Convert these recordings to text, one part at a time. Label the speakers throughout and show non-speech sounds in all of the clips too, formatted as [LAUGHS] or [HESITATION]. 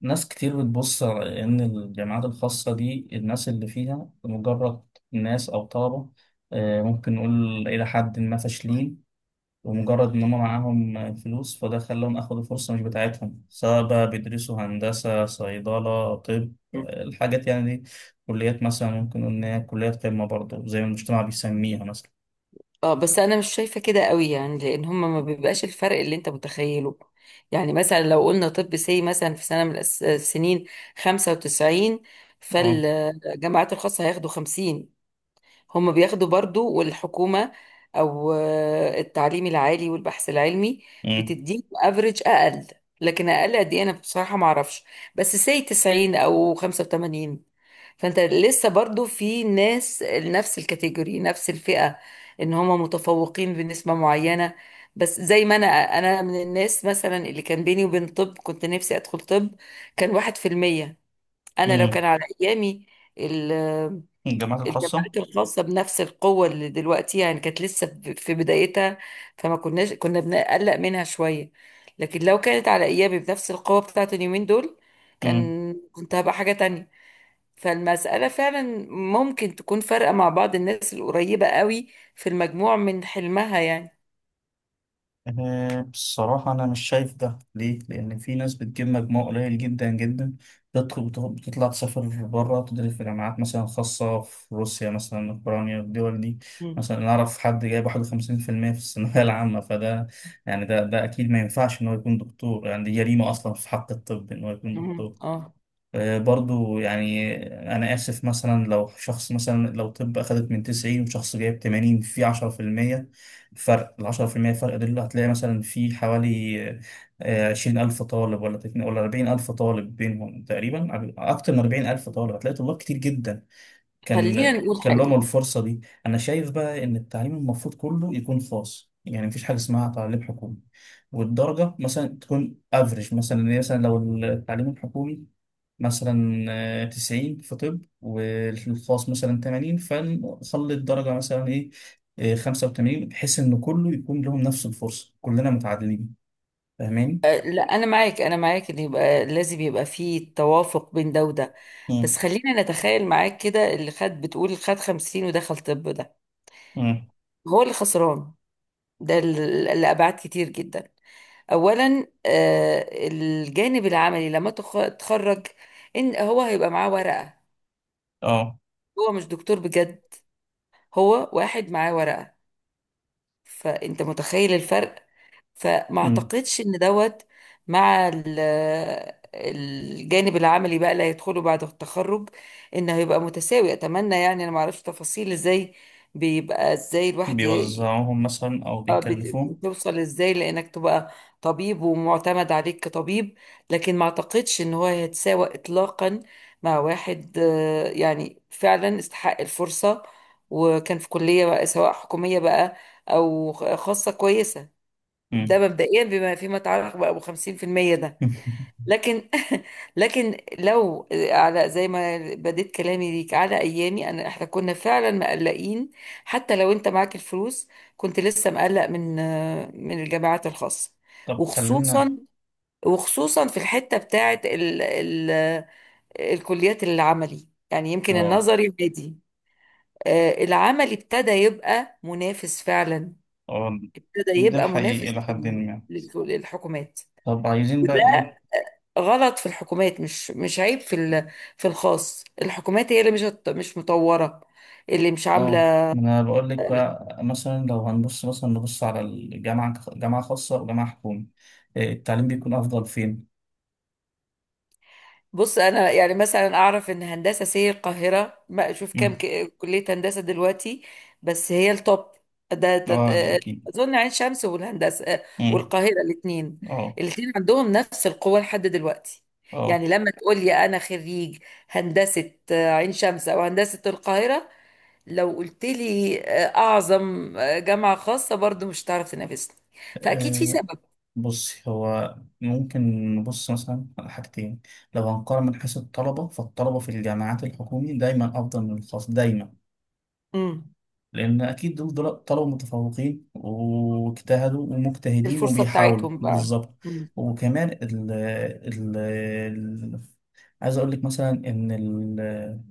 Speaker 1: ناس كتير بتبص على إن الجامعات الخاصة دي الناس اللي فيها مجرد ناس أو طلبة. ممكن نقول إلى حد ما فاشلين، ومجرد إن هم معاهم فلوس فده خلاهم أخدوا فرصة مش بتاعتهم، سواء بقى بيدرسوا هندسة، صيدلة، طب،
Speaker 2: مم.
Speaker 1: الحاجات يعني دي. كليات مثلا ممكن نقول إن هي كليات قمة برضه زي ما المجتمع بيسميها مثلا.
Speaker 2: اه، بس انا مش شايفه كده قوي، يعني لان هما ما بيبقاش الفرق اللي انت متخيله. يعني مثلا لو قلنا طب سي مثلا في سنه من السنين 95،
Speaker 1: اه.
Speaker 2: فالجامعات الخاصه هياخدوا 50. هما بياخدوا برضو، والحكومه او التعليم العالي والبحث العلمي
Speaker 1: أمم.
Speaker 2: بتديهم افريج اقل، لكن اقل قد ايه انا بصراحه ما اعرفش. بس سي 90 او 85، فانت لسه برضو في ناس نفس الكاتيجوري، نفس الفئة، ان هم متفوقين بنسبة معينة. بس زي ما انا من الناس مثلا اللي كان بيني وبين طب، كنت نفسي ادخل طب، كان 1%. انا لو كان
Speaker 1: أمم.
Speaker 2: على ايامي ال-
Speaker 1: الجامعات الخاصة.
Speaker 2: الجامعات الخاصة بنفس القوة اللي دلوقتي، يعني كانت لسه في بدايتها، فما كناش كنا بنقلق منها شوية، لكن لو كانت على ايامي بنفس القوة بتاعت اليومين دول، كان كنت هبقى حاجة تانية. فالمسألة فعلا ممكن تكون فارقة مع بعض الناس القريبة قوي في المجموع من حلمها، يعني.
Speaker 1: أنا بصراحة، أنا مش شايف ده، ليه؟ لأن في ناس بتجيب مجموع قليل جدا جدا بتطلع تسافر بره تدرس في جامعات مثلا خاصة، في روسيا مثلا، أوكرانيا، الدول دي.
Speaker 2: مم.
Speaker 1: مثلا أنا أعرف حد جايب 51% في الثانوية [LAUGHS] العامة، فده يعني ده ده أكيد ما ينفعش إن هو يكون دكتور، يعني دي جريمة أصلا في حق الطب إن هو يكون
Speaker 2: مم.
Speaker 1: دكتور.
Speaker 2: اه،
Speaker 1: برضو يعني أنا آسف، مثلا لو شخص مثلا لو طب أخدت من 90 وشخص جايب 80، في 10% فرق. ال 10% فرق دول هتلاقي مثلا في حوالي 20,000 طالب، ولا 40,000 طالب بينهم تقريبا. أكتر من 40,000 طالب هتلاقي، طلاب كتير جدا كان،
Speaker 2: خلينا نقول
Speaker 1: كان لهم
Speaker 2: حاجة.
Speaker 1: الفرصة دي. أنا شايف بقى إن التعليم المفروض كله يكون خاص، يعني مفيش حاجة اسمها تعليم حكومي، والدرجة مثلا تكون افريج. مثلا يعني مثلا لو التعليم الحكومي مثلا 90 في طب، والخاص مثلا 80، فنخلي الدرجة مثلا إيه، 85، بحيث إن كله يكون لهم نفس الفرصة، كلنا متعادلين. فاهمين؟
Speaker 2: أه، لا، أنا معاك، أنا معاك، إن يبقى لازم يبقى فيه توافق بين ده وده. بس
Speaker 1: مم.
Speaker 2: خلينا نتخيل معاك كده، اللي خد بتقول خد 50 ودخل طب ده،
Speaker 1: مم.
Speaker 2: هو اللي خسران. ده لأبعاد كتير جدا. أولا الجانب العملي، لما تخرج، إن هو هيبقى معاه ورقة،
Speaker 1: اه.
Speaker 2: هو مش دكتور بجد، هو واحد معاه ورقة. فانت متخيل الفرق؟ فما
Speaker 1: مم.
Speaker 2: اعتقدش ان دوت مع الجانب العملي بقى اللي هيدخله بعد التخرج، انه هيبقى متساوي. اتمنى، يعني انا ما اعرفش تفاصيل ازاي بيبقى، ازاي الواحد
Speaker 1: بيوزعوهم مثلا أو
Speaker 2: اه،
Speaker 1: بيكلفوهم.
Speaker 2: بتوصل ازاي لانك تبقى طبيب ومعتمد عليك كطبيب، لكن ما اعتقدش ان هو هيتساوى اطلاقا مع واحد يعني فعلا استحق الفرصة وكان في كلية بقى، سواء حكومية بقى او خاصة كويسة. ده
Speaker 1: مم.
Speaker 2: مبدئيا بما فيما يتعلق بقى ابو 50% ده.
Speaker 1: [LAUGHS]
Speaker 2: لكن [LAUGHS] لكن لو على زي ما بديت كلامي ليك على ايامي انا، احنا كنا فعلا مقلقين، حتى لو انت معاك الفلوس كنت لسه مقلق من [HESITATION] من الجامعات الخاصه،
Speaker 1: طب خلينا.
Speaker 2: وخصوصا، في الحته بتاعه ال [HESITATION] الكليات العملي. يعني يمكن
Speaker 1: اه.
Speaker 2: النظري بادي، العملي ابتدى يبقى منافس فعلا،
Speaker 1: اه،
Speaker 2: ابتدى
Speaker 1: ده
Speaker 2: يبقى
Speaker 1: حقيقي
Speaker 2: منافس
Speaker 1: إلى حد ما.
Speaker 2: للحكومات.
Speaker 1: طب عايزين بقى إيه.
Speaker 2: غلط في الحكومات، مش عيب في في الخاص، الحكومات هي اللي مش مطورة، اللي مش
Speaker 1: اه،
Speaker 2: عاملة.
Speaker 1: انا بقول لك بقى، مثلا لو هنبص مثلا نبص على الجامعه، جامعه خاصه وجامعه حكومي، إيه، التعليم بيكون افضل فين؟
Speaker 2: بص انا يعني مثلا اعرف ان هندسة سي القاهرة، ما اشوف كام
Speaker 1: مم.
Speaker 2: كلية هندسة دلوقتي، بس هي التوب. ده ده-
Speaker 1: اه، ده
Speaker 2: آه،
Speaker 1: اكيد.
Speaker 2: اظن عين شمس والهندسة
Speaker 1: مم.
Speaker 2: والقاهرة، الاثنين،
Speaker 1: اه.
Speaker 2: الاثنين عندهم نفس القوة لحد دلوقتي.
Speaker 1: اه.
Speaker 2: يعني لما تقول لي انا خريج هندسة عين شمس او هندسة القاهرة، لو قلت لي اعظم جامعة خاصة، برضو مش هتعرف تنافسني، فاكيد في
Speaker 1: آه،
Speaker 2: سبب.
Speaker 1: بصي، هو ممكن نبص مثلا على حاجتين. لو هنقارن من حيث الطلبه، فالطلبه في الجامعات الحكومي دايما افضل من الخاص دايما،
Speaker 2: امم
Speaker 1: لأن أكيد دول دول طلبة متفوقين واجتهدوا ومجتهدين
Speaker 2: الفرصة
Speaker 1: وبيحاولوا
Speaker 2: بتاعتهم بقى.
Speaker 1: بالظبط.
Speaker 2: امم
Speaker 1: وكمان عايز أقول لك مثلا إن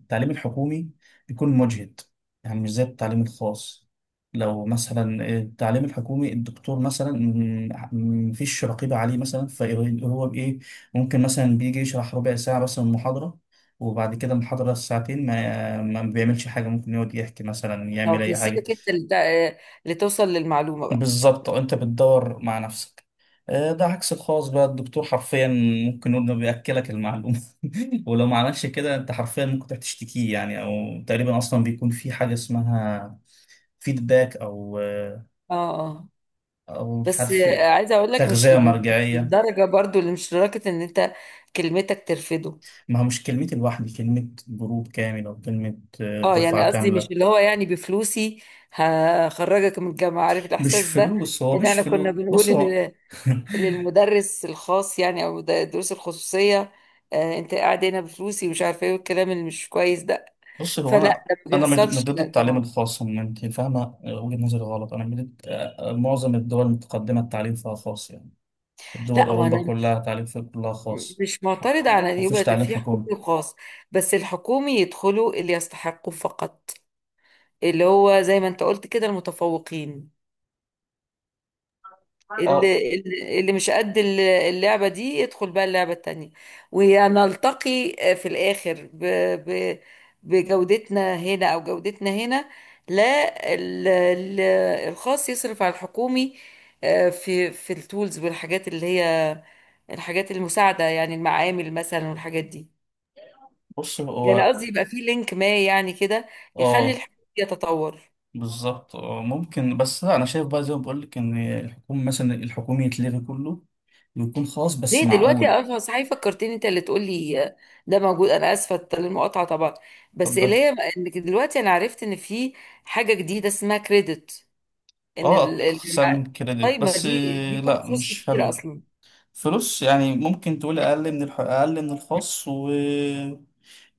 Speaker 1: التعليم الحكومي بيكون مجهد، يعني مش زي التعليم الخاص. لو مثلا التعليم الحكومي الدكتور مثلا مفيش رقيبة عليه مثلا، فهو بإيه، ممكن مثلا بيجي يشرح ربع ساعة مثلا محاضرة، وبعد كده المحاضرة الساعتين ما بيعملش حاجة، ممكن يقعد يحكي مثلا،
Speaker 2: اه،
Speaker 1: يعمل
Speaker 2: في،
Speaker 1: أي حاجة.
Speaker 2: سيبك انت اللي اللي توصل للمعلومة بقى.
Speaker 1: بالظبط، أنت بتدور مع نفسك. ده عكس الخاص بقى، الدكتور حرفيا ممكن نقول إنه بيأكلك المعلومة، [LAUGHS] ولو ما عملش كده أنت حرفيا ممكن تروح تشتكيه، يعني أو تقريبا أصلا بيكون في حاجة اسمها فيدباك أو
Speaker 2: اه، اه،
Speaker 1: أو مش
Speaker 2: بس
Speaker 1: عارف،
Speaker 2: عايزة اقول لك، مش
Speaker 1: تغذية
Speaker 2: مش
Speaker 1: مرجعية.
Speaker 2: للدرجة برضو، اللي مش لدرجة ان انت كلمتك ترفضه.
Speaker 1: ما هو مش كلمتي لوحدي، كلمة جروب كامل، أو كلمة
Speaker 2: اه، يعني
Speaker 1: دفعة
Speaker 2: قصدي
Speaker 1: كاملة.
Speaker 2: مش اللي هو يعني بفلوسي هخرجك من الجامعة، عارف
Speaker 1: مش
Speaker 2: الاحساس ده،
Speaker 1: فلوس، هو
Speaker 2: ان
Speaker 1: مش
Speaker 2: احنا كنا
Speaker 1: فلوس،
Speaker 2: بنقول
Speaker 1: بص هو. [LAUGHS]
Speaker 2: للمدرس الخاص يعني، او الدروس الخصوصيه، آه انت قاعد هنا بفلوسي ومش عارفه ايه والكلام اللي مش كويس ده.
Speaker 1: بص هو
Speaker 2: فلا،
Speaker 1: انا،
Speaker 2: ده ما
Speaker 1: انا مش
Speaker 2: بيحصلش،
Speaker 1: ضد
Speaker 2: لا
Speaker 1: التعليم
Speaker 2: طبعا.
Speaker 1: الخاص إن انت فاهمه وجهه نظري غلط. انا من معظم الدول المتقدمه التعليم فيها خاص يعني. الدول،
Speaker 2: لا،
Speaker 1: اوروبا
Speaker 2: وانا مش
Speaker 1: كلها تعليم فيها كلها خاص،
Speaker 2: مش معترضه على ان
Speaker 1: ما فيش
Speaker 2: يبقى
Speaker 1: تعليم
Speaker 2: في حكومي
Speaker 1: حكومي.
Speaker 2: وخاص، بس الحكومي يدخلوا اللي يستحقوا فقط، اللي هو زي ما انت قلت كده، المتفوقين.
Speaker 1: اه.
Speaker 2: اللي مش قد اللعبة دي يدخل بقى اللعبة التانية، ونلتقي في الآخر ب ب بجودتنا هنا أو جودتنا هنا. لا، ال- ال- الخاص يصرف على الحكومي، في التولز والحاجات اللي هي الحاجات المساعدة، يعني المعامل مثلا والحاجات دي.
Speaker 1: بص
Speaker 2: يعني
Speaker 1: هو.
Speaker 2: قصدي يبقى في لينك ما، يعني كده، يخلي
Speaker 1: اه.
Speaker 2: الحكومي يتطور.
Speaker 1: بالظبط، اه ممكن. بس لا انا شايف بقى زي ما بقول لك ان الحكومه مثلا، الحكومي يتلغي كله، ويكون خاص بس.
Speaker 2: ليه دلوقتي؟
Speaker 1: معقول.
Speaker 2: اه صحيح، فكرتني انت اللي تقولي، ده موجود. انا اسفه للمقاطعه طبعا، بس اللي
Speaker 1: اتفضل.
Speaker 2: هي انك دلوقتي، انا عرفت ان في حاجه جديده اسمها كريدت، ان
Speaker 1: اه، اقسام
Speaker 2: الجامعات.
Speaker 1: كريدت،
Speaker 2: طيب ما
Speaker 1: بس
Speaker 2: دي، بتاخد
Speaker 1: لا
Speaker 2: فلوس
Speaker 1: مش
Speaker 2: كتير
Speaker 1: حلو.
Speaker 2: اصلا.
Speaker 1: فلوس يعني، ممكن تقول اقل من اقل من الخاص و...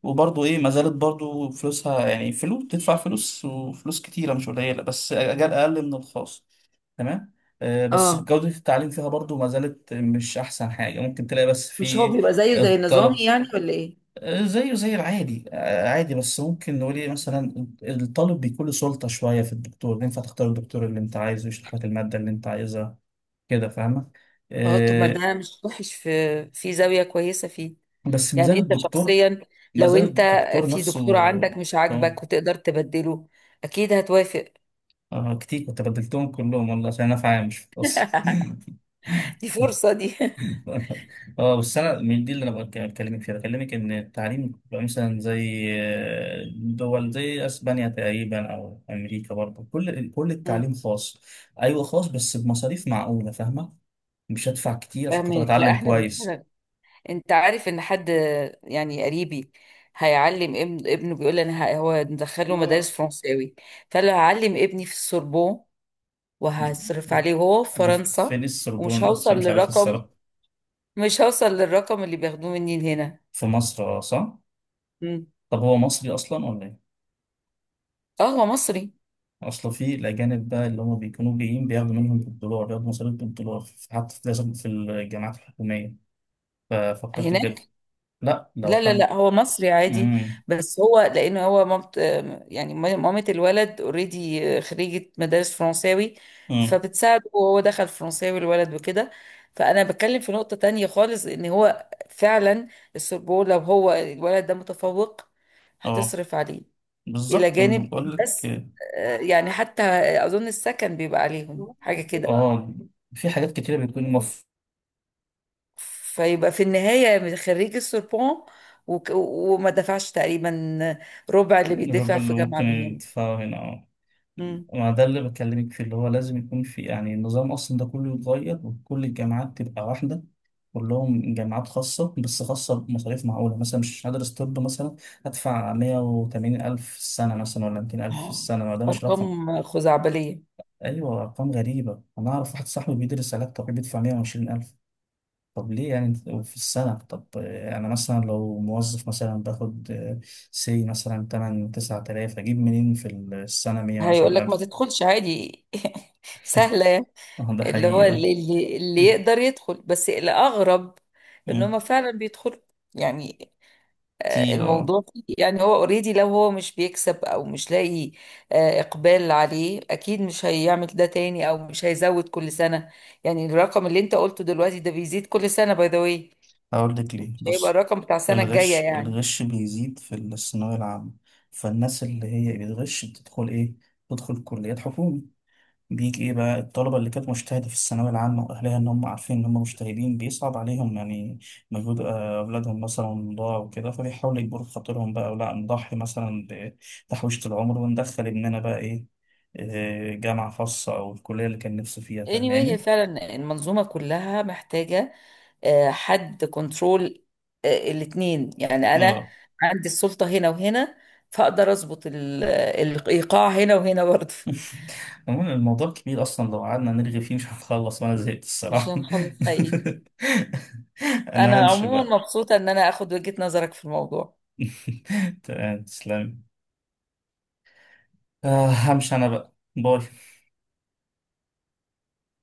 Speaker 1: وبرضه ايه، ما زالت برضه فلوسها، يعني فلوس، تدفع فلوس، وفلوس كتيره مش قليله، بس اجال اقل من الخاص. تمام. بس
Speaker 2: اه،
Speaker 1: جوده التعليم فيها برضه ما زالت مش احسن حاجه ممكن تلاقي، بس
Speaker 2: مش هو
Speaker 1: في
Speaker 2: بيبقى زيه زي نظامي
Speaker 1: الطلب.
Speaker 2: يعني، ولا ايه؟
Speaker 1: زيه زي العادي، عادي، بس ممكن نقول ايه، مثلا الطالب بيكون له سلطه شويه في الدكتور، ينفع تختار الدكتور اللي انت عايزه يشرح لك الماده اللي انت عايزها. كده فاهمه.
Speaker 2: اه، طب ما
Speaker 1: آه،
Speaker 2: ده مش وحش، في زاويه كويسه فيه.
Speaker 1: بس ما زال
Speaker 2: يعني انت
Speaker 1: الدكتور،
Speaker 2: شخصيا،
Speaker 1: ما
Speaker 2: لو
Speaker 1: زال
Speaker 2: انت
Speaker 1: الدكتور
Speaker 2: في
Speaker 1: نفسه.
Speaker 2: دكتور عندك مش
Speaker 1: آه،
Speaker 2: عاجبك وتقدر تبدله، اكيد هتوافق.
Speaker 1: كتير، كنت بدلتهم كلهم والله عشان انا في عامش بس.
Speaker 2: [LAUGHS]
Speaker 1: [LAUGHS]
Speaker 2: دي فرصه دي.
Speaker 1: اه بس انا من دي اللي انا بكلمك فيها، بكلمك ان التعليم بيبقى مثلا زي دول زي اسبانيا تقريبا او امريكا برضه، كل التعليم خاص. ايوه خاص، بس بمصاريف معقوله، فاهمه، مش هدفع كتير عشان خاطر
Speaker 2: فاهمك. لا،
Speaker 1: اتعلم
Speaker 2: احنا
Speaker 1: كويس.
Speaker 2: بنسأل. انت عارف ان حد، يعني قريبي هيعلم ابن ابنه، بيقول لي انا، هو مدخله مدارس
Speaker 1: اه.
Speaker 2: فرنساوي، فقال له هعلم ابني في السوربون، وهصرف عليه هو في
Speaker 1: [LAUGHS] دي
Speaker 2: فرنسا،
Speaker 1: فين
Speaker 2: ومش
Speaker 1: السربون؟ عشان
Speaker 2: هوصل
Speaker 1: مش عارف
Speaker 2: للرقم،
Speaker 1: الصراحه.
Speaker 2: مش هوصل للرقم اللي بياخدوه مني هنا.
Speaker 1: في مصر، صح.
Speaker 2: مم.
Speaker 1: طب هو مصري اصلا ولا ايه؟
Speaker 2: اه، هو مصري
Speaker 1: اصلا في الاجانب بقى اللي هم بيكونوا جايين بياخدوا منهم بالدولار، بياخدوا مصاريف بالدولار في- حتى في، لازم، في الجامعات الحكوميه، ففكرت كده.
Speaker 2: هناك.
Speaker 1: لا لو
Speaker 2: لا لا لا،
Speaker 1: حد.
Speaker 2: هو مصري عادي،
Speaker 1: امم.
Speaker 2: بس هو لانه هو، مامت، يعني مامة الولد اوريدي خريجة مدارس فرنساوي،
Speaker 1: امم.
Speaker 2: فبتساعده، وهو دخل فرنساوي الولد، وكده. فانا بتكلم في نقطة تانية خالص، ان هو فعلا السربون، لو هو الولد ده متفوق
Speaker 1: اه،
Speaker 2: هتصرف عليه، الى
Speaker 1: بالظبط، انا
Speaker 2: جانب
Speaker 1: بقول لك.
Speaker 2: بس يعني حتى اظن السكن بيبقى عليهم حاجة كده.
Speaker 1: اه، في حاجات كتيره بتكون المفروض.
Speaker 2: فيبقى في النهاية خريج السوربون، وما دفعش تقريبا ربع اللي
Speaker 1: الرب
Speaker 2: بيدفع في
Speaker 1: اللي
Speaker 2: جامعة
Speaker 1: ممكن
Speaker 2: من هنا.
Speaker 1: يدفعوا هنا، اه.
Speaker 2: مم.
Speaker 1: ما ده اللي بكلمك فيه، اللي هو لازم يكون في يعني، النظام أصلا ده كله يتغير، وكل الجامعات تبقى واحدة. كلهم جامعات خاصة، بس خاصة بمصاريف معقولة. مثلا مش هدرس طب مثلا هدفع 180,000 في السنة، مثلا ولا ميتين
Speaker 2: [GASPS]
Speaker 1: ألف في
Speaker 2: آه،
Speaker 1: السنة، ما ده مش رقم.
Speaker 2: أرقام خزعبلية.
Speaker 1: أيوة، أرقام غريبة. أنا أعرف واحد صاحبي بيدرس علاج طبيعي بيدفع 120,000. طب ليه يعني؟ في السنة. طب أنا مثلا لو موظف مثلا باخد سي مثلا تمن، 9,000، أجيب منين في السنة مية
Speaker 2: هيقول
Speaker 1: وعشرين
Speaker 2: لك ما
Speaker 1: ألف
Speaker 2: تدخلش عادي. [LAUGHS] سهلة يعني.
Speaker 1: اه، ده
Speaker 2: اللي هو
Speaker 1: حقيقي.
Speaker 2: اللي يقدر يدخل، بس الأغرب إن
Speaker 1: مم.
Speaker 2: هما فعلا بيدخلوا. يعني
Speaker 1: تي. اه.
Speaker 2: الموضوع يعني هو اوريدي، لو هو مش بيكسب او مش لاقي اقبال عليه، اكيد مش هيعمل ده تاني او مش هيزود كل سنة. يعني الرقم اللي انت قلته دلوقتي، ده بيزيد كل سنة، باي ذا واي.
Speaker 1: هقول لك
Speaker 2: مش
Speaker 1: ليه،
Speaker 2: هيبقى
Speaker 1: بص.
Speaker 2: الرقم بتاع السنة الجاية،
Speaker 1: الغش،
Speaker 2: يعني.
Speaker 1: الغش بيزيد في الثانوية العامة، فالناس اللي هي بتغش بتدخل ايه، بتدخل كليات حكومي. بيجي ايه بقى الطلبة اللي كانت مجتهدة في الثانوية العامة واهلها، ان هم عارفين ان هم مجتهدين، بيصعب عليهم يعني مجهود اولادهم مثلا ضاع، وكده فبيحاولوا يجبروا خاطرهم بقى، ولا نضحي مثلا بتحويشة العمر وندخل ابننا بقى ايه، جامعة خاصة او الكلية اللي كان نفسه فيها.
Speaker 2: Anyway، هي
Speaker 1: فاهماني؟
Speaker 2: فعلا المنظومة كلها محتاجة حد كنترول الاتنين، يعني انا
Speaker 1: اه.
Speaker 2: عندي السلطة هنا وهنا، فاقدر اظبط الايقاع هنا وهنا برضه.
Speaker 1: [LAUGHS] عموما الموضوع كبير اصلا، لو قعدنا نرغي فيه مش هنخلص، وانا زهقت
Speaker 2: مش
Speaker 1: الصراحه.
Speaker 2: هنخلص حقيقي.
Speaker 1: [LAUGHS] انا
Speaker 2: انا
Speaker 1: همشي
Speaker 2: عموما
Speaker 1: بقى.
Speaker 2: مبسوطة ان انا اخد وجهة نظرك في الموضوع.
Speaker 1: [LAUGHS] تمام، تسلمي. همشي انا بقى. باي.